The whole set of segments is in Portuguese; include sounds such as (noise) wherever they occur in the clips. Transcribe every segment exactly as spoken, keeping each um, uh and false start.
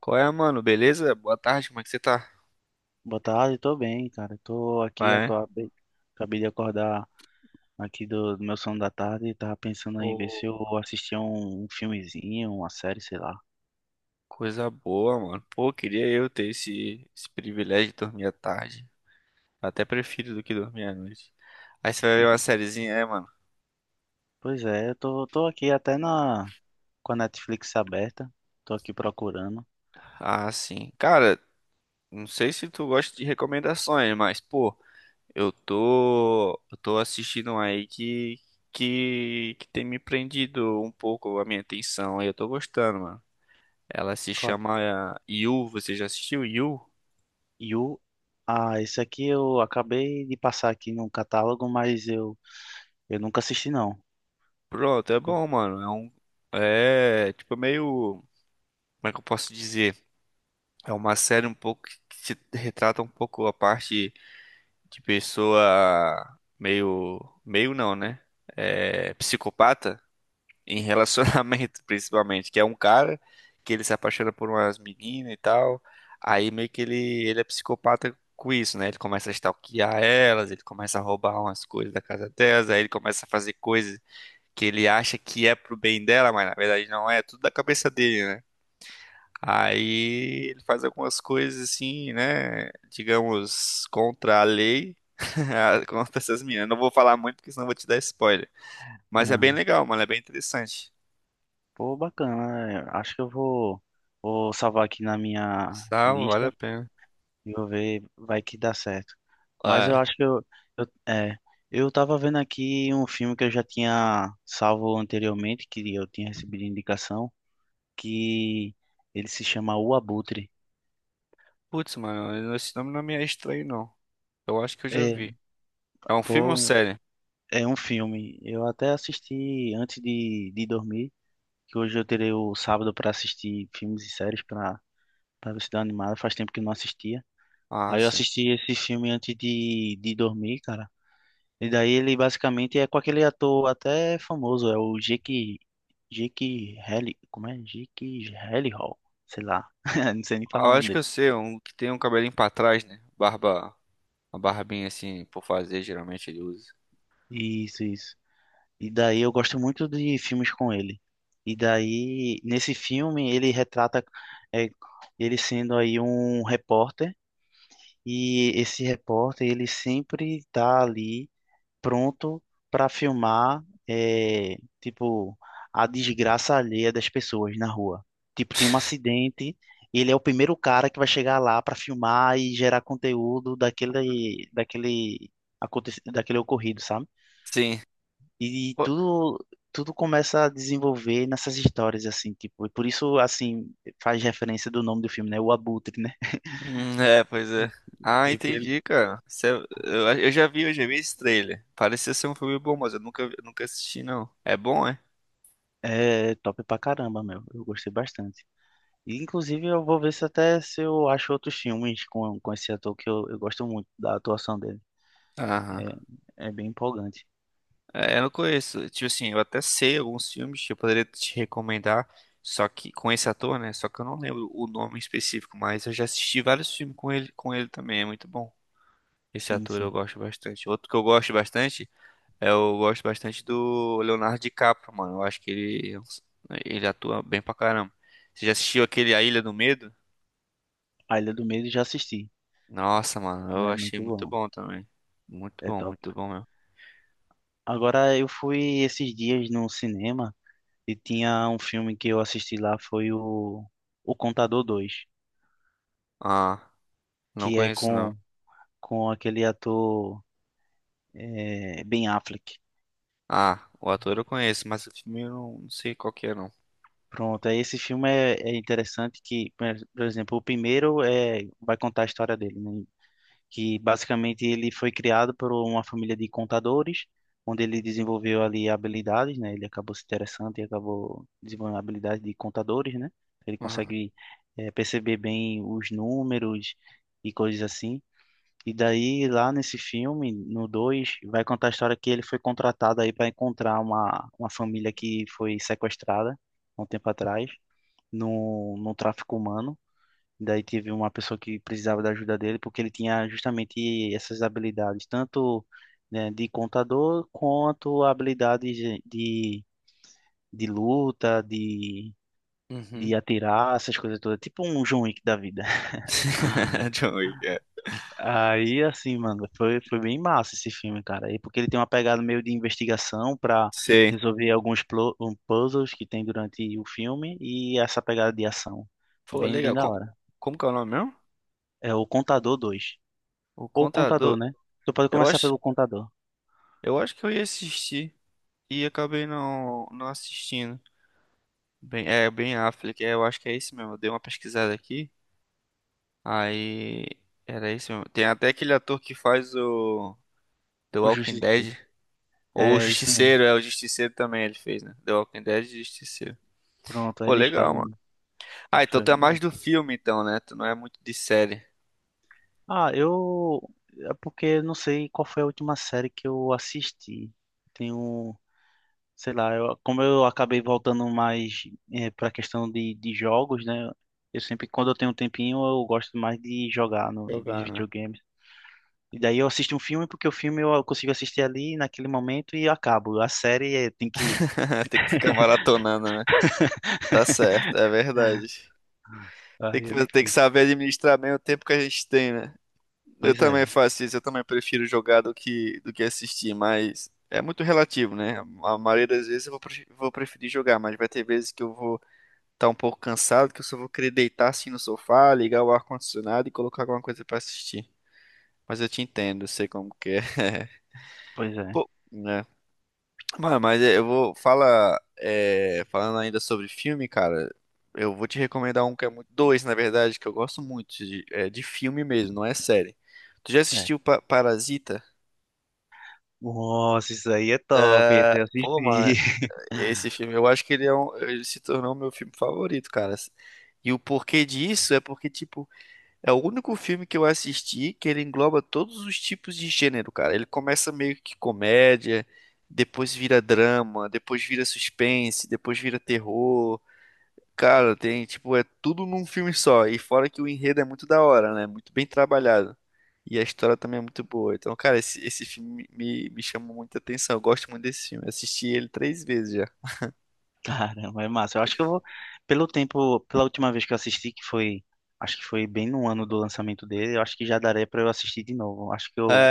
Qual é, mano? Beleza? Boa tarde, como é que você tá? Boa tarde, tô bem, cara. Tô aqui, Vai. acabei, acabei de acordar aqui do, do meu sono da tarde e tava pensando Ô, em ver se eu assistia um, um filmezinho, uma série, sei lá. coisa boa, mano. Pô, queria eu ter esse, esse privilégio de dormir à tarde. Até prefiro do que dormir à noite. Aí você vai ver uma sériezinha, é, mano? Pois é, eu tô, tô aqui até na, com a Netflix aberta, tô aqui procurando. Ah, sim. Cara, não sei se tu gosta de recomendações, mas, pô, eu tô. Eu tô assistindo um aí que. Que, que tem me prendido um pouco a minha atenção. E eu tô gostando, mano. Ela se Qual? chama eh, You. Você já assistiu You? You. Ah, esse aqui eu acabei de passar aqui no catálogo, mas eu, eu nunca assisti não. Pronto, é Com- bom, mano. É um. É tipo meio. Como é que eu posso dizer? É uma série um pouco que se retrata um pouco a parte de pessoa meio. Meio não, né? É, psicopata em relacionamento, (laughs) principalmente. Que é um cara que ele se apaixona por umas meninas e tal. Aí meio que ele, ele é psicopata com isso, né? Ele começa a stalkear elas, ele começa a roubar umas coisas da casa delas, aí ele começa a fazer coisas que ele acha que é pro bem dela, mas na verdade não é, é tudo da cabeça dele, né? Aí ele faz algumas coisas assim, né? Digamos, contra a lei, (laughs) contra essas meninas. Não vou falar muito, porque senão eu vou te dar spoiler. Mas é bem Ah, legal, mano, é bem interessante. pô, bacana, né? Acho que eu vou, vou salvar aqui na minha Salvo, vale a lista. pena. E vou ver, vai que dá certo. Mas eu É. acho que eu, eu, é, eu tava vendo aqui um filme que eu já tinha salvo anteriormente, que eu tinha recebido indicação, que ele se chama O Abutre. Putz, mano, esse nome não me é estranho, não. Eu acho que eu já É, vi. É um filme ou pô, série? é um filme. Eu até assisti antes de, de dormir, que hoje eu terei o sábado para assistir filmes e séries para para ver se dá animada. Faz tempo que eu não assistia. Ah, Aí eu sim. assisti esse filme antes de, de dormir, cara. E daí ele basicamente é com aquele ator até famoso, é o Jake, Jake Halli, como é? Jake Hall sei lá, (laughs) não sei nem Ah, falar eu o nome acho que eu dele. sei, um que tem um cabelinho pra trás, né? Barba, uma barbinha assim, por fazer, geralmente ele usa. Isso, isso. E daí eu gosto muito de filmes com ele. E daí, nesse filme, ele retrata é, ele sendo aí um repórter, e esse repórter, ele sempre tá ali. Pronto para filmar, é, tipo, a desgraça alheia das pessoas na rua. Tipo, tem um acidente, ele é o primeiro cara que vai chegar lá para filmar e gerar conteúdo daquele, daquele, aconte- daquele ocorrido, sabe? Sim. E Pô, tudo, tudo começa a desenvolver nessas histórias, assim, tipo, e por isso, assim, faz referência do nome do filme, né? O Abutre, né? hum, é, pois é. Ah, Tipo, ele entendi, cara. Cê- eu, eu já vi, eu já vi esse trailer. Parecia ser um filme bom, mas eu nunca, vi- nunca assisti, não. É bom, é? é top pra caramba, meu. Eu gostei bastante. E, inclusive, eu vou ver se até se eu acho outros filmes com, com esse ator que eu, eu gosto muito da atuação dele. Aham. É, é bem empolgante. É, eu não conheço. Tipo assim, eu até sei alguns filmes que eu poderia te recomendar, só que com esse ator, né? Só que eu não lembro o nome específico, mas eu já assisti vários filmes com ele, com ele também. É muito bom. Esse Sim, ator eu sim. gosto bastante. Outro que eu gosto bastante. É, eu gosto bastante do Leonardo DiCaprio, mano. Eu acho que ele, ele atua bem pra caramba. Você já assistiu aquele A Ilha do Medo? A Ilha do Medo já assisti, Nossa, mano, eu né? achei Muito muito bom. bom também. Muito É bom, top. muito bom mesmo. Agora, eu fui esses dias no cinema e tinha um filme que eu assisti lá, foi o, o Contador dois, Ah, não que é conheço não. com, com aquele ator, é, Ben Affleck. Ah, o ator eu conheço, mas o filme eu não, não sei qual que é não. Pronto, aí esse filme é, é interessante que, por por exemplo, o primeiro é, vai contar a história dele, né? Que basicamente ele foi criado por uma família de contadores, onde ele desenvolveu ali habilidades, né? Ele acabou se interessando e acabou desenvolvendo habilidades de contadores, né? Ele Ah. consegue eh, perceber bem os números e coisas assim. E daí, lá nesse filme, no dois vai contar a história que ele foi contratado aí para encontrar uma, uma família que foi sequestrada há um tempo atrás, no, no tráfico humano. Daí teve uma pessoa que precisava da ajuda dele, porque ele tinha justamente essas habilidades, tanto, né, de contador, quanto habilidades de, de, de luta, de, de Uhum. atirar, essas coisas todas. Tipo um John Wick da vida. (laughs) (laughs) John Wick, é. Aí, assim, mano, foi, foi bem massa esse filme, cara. E porque ele tem uma pegada meio de investigação pra Sei. resolver alguns plo- um, puzzles que tem durante o filme e essa pegada de ação. É Pô, bem, bem legal. da Com- hora. Como que é o nome mesmo? É o Contador dois. O Ou Contador. contador, né? Tu pode Eu começar acho, pelo contador, eu acho que eu ia assistir e acabei não, não assistindo. Bem, é bem Affleck, é, eu acho que é esse mesmo. Eu dei uma pesquisada aqui. Aí era esse mesmo. Tem até aquele ator que faz o The o Walking justiça. Dead. Ou o É isso mesmo. Justiceiro, é o Justiceiro também ele fez, né? The Walking Dead e Justiceiro. Pronto, aí Pô, eles legal, mano. fazem. Ah, então Foi tu é da mais hora. do filme, então, né? Tu não é muito de série. Ah, eu. É porque eu não sei qual foi a última série que eu assisti. Tenho. Sei lá, eu, como eu acabei voltando mais é, pra questão de, de jogos, né? Eu sempre, quando eu tenho um tempinho, eu gosto mais de jogar no- nos Jogar, né? videogames. E daí eu assisto um filme porque o filme eu consigo assistir ali naquele momento e acabo. A série é, tem que. (laughs) Tem que ficar maratonando, né? Tá certo, é (laughs) verdade. Tem Aí é que, tem que difícil. saber administrar bem o tempo que a gente tem, né? Eu Pois também é, faço isso, eu também prefiro jogar do que, do que assistir, mas é muito relativo, né? A maioria das vezes eu vou, pre- vou preferir jogar, mas vai ter vezes que eu vou estar um pouco cansado, que eu só vou querer deitar assim no sofá, ligar o ar-condicionado e colocar alguma coisa pra assistir. Mas eu te entendo, eu sei como que é. (laughs) pois é. Pô, né? Mano, mas é, eu vou. Fala. É, falando ainda sobre filme, cara, eu vou te recomendar um que é muito. Dois, na verdade, que eu gosto muito de, é, de filme mesmo, não é série. Tu já É. assistiu Pa- Parasita? Nossa, isso aí é top, esse eu Pô, mano, assisti. esse (laughs) filme, eu acho que ele é um, ele se tornou meu filme favorito, cara. E o porquê disso é porque, tipo, é o único filme que eu assisti que ele engloba todos os tipos de gênero, cara. Ele começa meio que comédia, depois vira drama, depois vira suspense, depois vira terror. Cara, tem, tipo, é tudo num filme só. E fora que o enredo é muito da hora, né? Muito bem trabalhado. E a história também é muito boa. Então, cara, esse, esse filme me, me chamou muita atenção. Eu gosto muito desse filme. Eu assisti ele três vezes já. Caramba, é massa. Eu acho que eu vou, pelo tempo, pela última vez que eu assisti, que foi, acho que foi bem no ano do lançamento dele, eu acho que já daria pra eu assistir de novo. Acho que eu,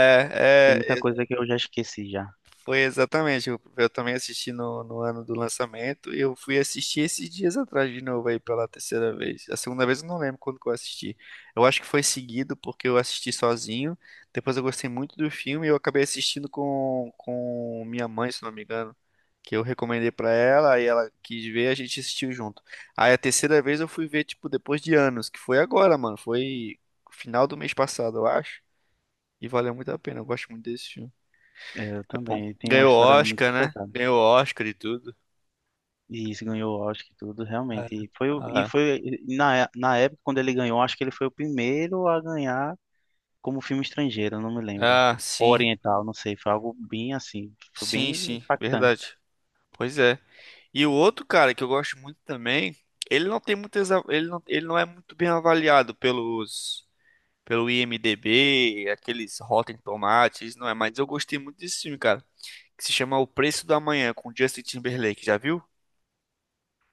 tem muita é, coisa que eu já esqueci já. Foi exatamente. Eu, eu também assisti no, no ano do lançamento e eu fui assistir esses dias atrás de novo aí pela terceira vez. A segunda vez eu não lembro quando que eu assisti. Eu acho que foi seguido porque eu assisti sozinho. Depois eu gostei muito do filme e eu acabei assistindo com, com minha mãe, se não me engano, que eu recomendei pra ela, aí ela quis ver, a gente assistiu junto. Aí a terceira vez eu fui ver tipo depois de anos, que foi agora, mano, foi final do mês passado, eu acho. E valeu muito a pena. Eu gosto muito desse filme. É, eu É bom. também, tem uma Ganhou história muito Oscar, né? pesada. Ganhou Oscar e tudo. E isso ganhou o Oscar e tudo, É. realmente. E foi, o- e Ah, foi na, na época, quando ele ganhou, acho que ele foi o primeiro a ganhar como filme estrangeiro, não me lembro. ah, Ou sim. oriental, não sei, foi algo bem assim, foi Sim, bem sim. impactante. Verdade. Pois é. E o outro cara que eu gosto muito também, ele não tem muitas, a- ele não, ele não é muito bem avaliado pelos pelo IMDb, aqueles Rotten Tomatoes, não é, mas eu gostei muito desse filme, cara, que se chama O Preço da Manhã com Justin Timberlake, já viu?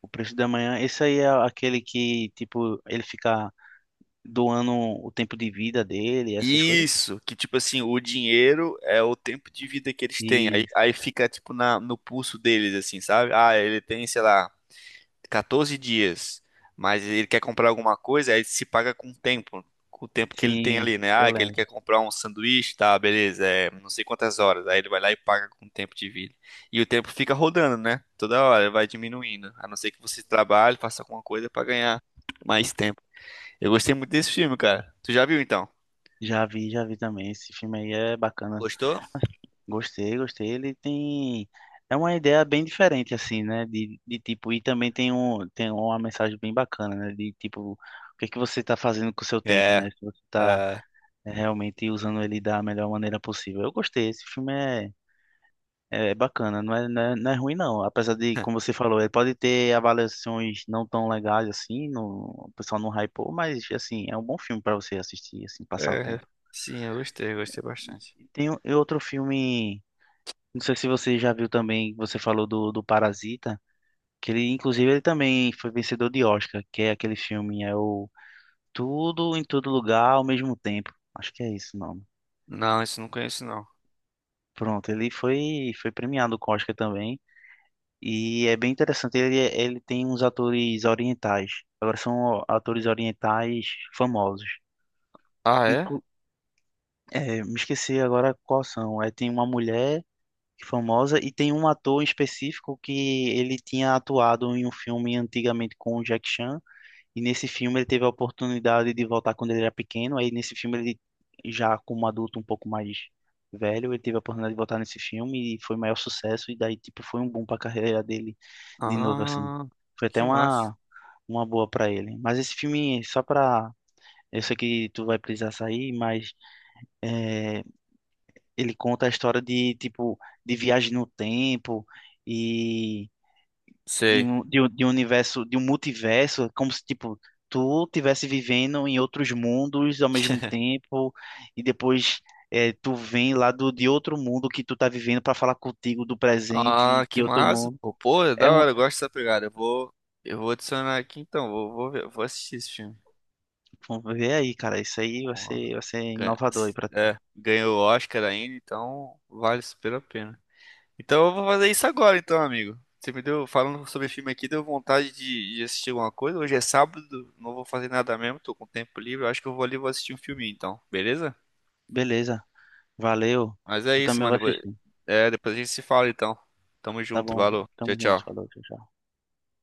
O Preço da Manhã, esse aí é aquele que, tipo, ele fica doando o tempo de vida dele, essas coisas. Isso, que tipo assim, o dinheiro é o tempo de vida que eles têm. Aí, E aí fica tipo na, no pulso deles, assim, sabe? Ah, ele tem, sei lá, quatorze dias, mas ele quer comprar alguma coisa, aí se paga com o tempo, com o tempo que ele tem sim, ali, né? Ah, eu que ele lembro. quer comprar um sanduíche, tá, beleza, é não sei quantas horas. Aí ele vai lá e paga com o tempo de vida. E o tempo fica rodando, né? Toda hora vai diminuindo. A não ser que você trabalhe, faça alguma coisa pra ganhar mais tempo. Eu gostei muito desse filme, cara. Tu já viu então? Já vi, já vi também. Esse filme aí é bacana. Gostou? Gostei, gostei. Ele tem. É uma ideia bem diferente, assim, né? De, de tipo, e também tem um, tem uma mensagem bem bacana, né? De tipo, o que é que você tá fazendo com o seu tempo, É. né? Se você tá É, é realmente usando ele da melhor maneira possível. Eu gostei, esse filme é, é bacana, não é, não é, não é ruim não, apesar de, como você falou, ele pode ter avaliações não tão legais assim, no, o pessoal não hypou, mas assim, é um bom filme para você assistir, assim, passar o é. tempo. Sim, eu gostei, eu gostei bastante. E tem o- e outro filme, não sei se você já viu também, você falou do, do Parasita, que ele, inclusive, ele também foi vencedor de Oscar, que é aquele filme, é o Tudo em Todo Lugar ao Mesmo Tempo, acho que é isso o nome. Não, isso eu não conheço não. Pronto, ele foi, foi premiado com o Oscar também. E é bem interessante, ele, ele tem uns atores orientais. Agora são atores orientais famosos. Ah, é? Inclu- é, me esqueci agora quais são. É, tem uma mulher famosa e tem um ator em específico que ele tinha atuado em um filme antigamente com o Jack Chan. E nesse filme ele teve a oportunidade de voltar quando ele era pequeno. Aí nesse filme ele já como adulto um pouco mais velho, ele teve a oportunidade de voltar nesse filme e foi o maior sucesso e daí tipo foi um boom para a carreira dele de novo assim. Ah, Foi até que massa. uma uma boa para ele. Mas esse filme só para eu sei que tu vai precisar sair, mas é, ele conta a história de tipo de viagem no tempo e de Sei. um, de um, de um universo, de um multiverso, é como se, tipo, tu tivesse vivendo em outros mundos ao mesmo (laughs) tempo, e depois eh, tu vem lá do, de outro mundo que tu tá vivendo para falar contigo do Ah, presente que de outro massa. mundo. Pô, pô, é É da uma... hora, eu gosto dessa pegada. Eu vou, eu vou adicionar aqui então, vou, vou ver, vou assistir esse filme. Vamos ver aí, cara. Isso aí vai Pô, ser, vai ser ganha- inovador aí pra tu. é, ganhou o Oscar ainda, então vale super a pena. Então eu vou fazer isso agora, então, amigo. Você me deu, falando sobre filme aqui, deu vontade de, de assistir alguma coisa. Hoje é sábado, não vou fazer nada mesmo, tô com tempo livre. Eu acho que eu vou ali e vou assistir um filminho, então, beleza? Beleza. Valeu. Mas é Eu isso, também mano. vou Depois, assistir. é, depois a gente se fala, então. Tamo Tá junto, bom. valeu. Tchau, Tamo junto. tchau. Falou. Tchau, tchau.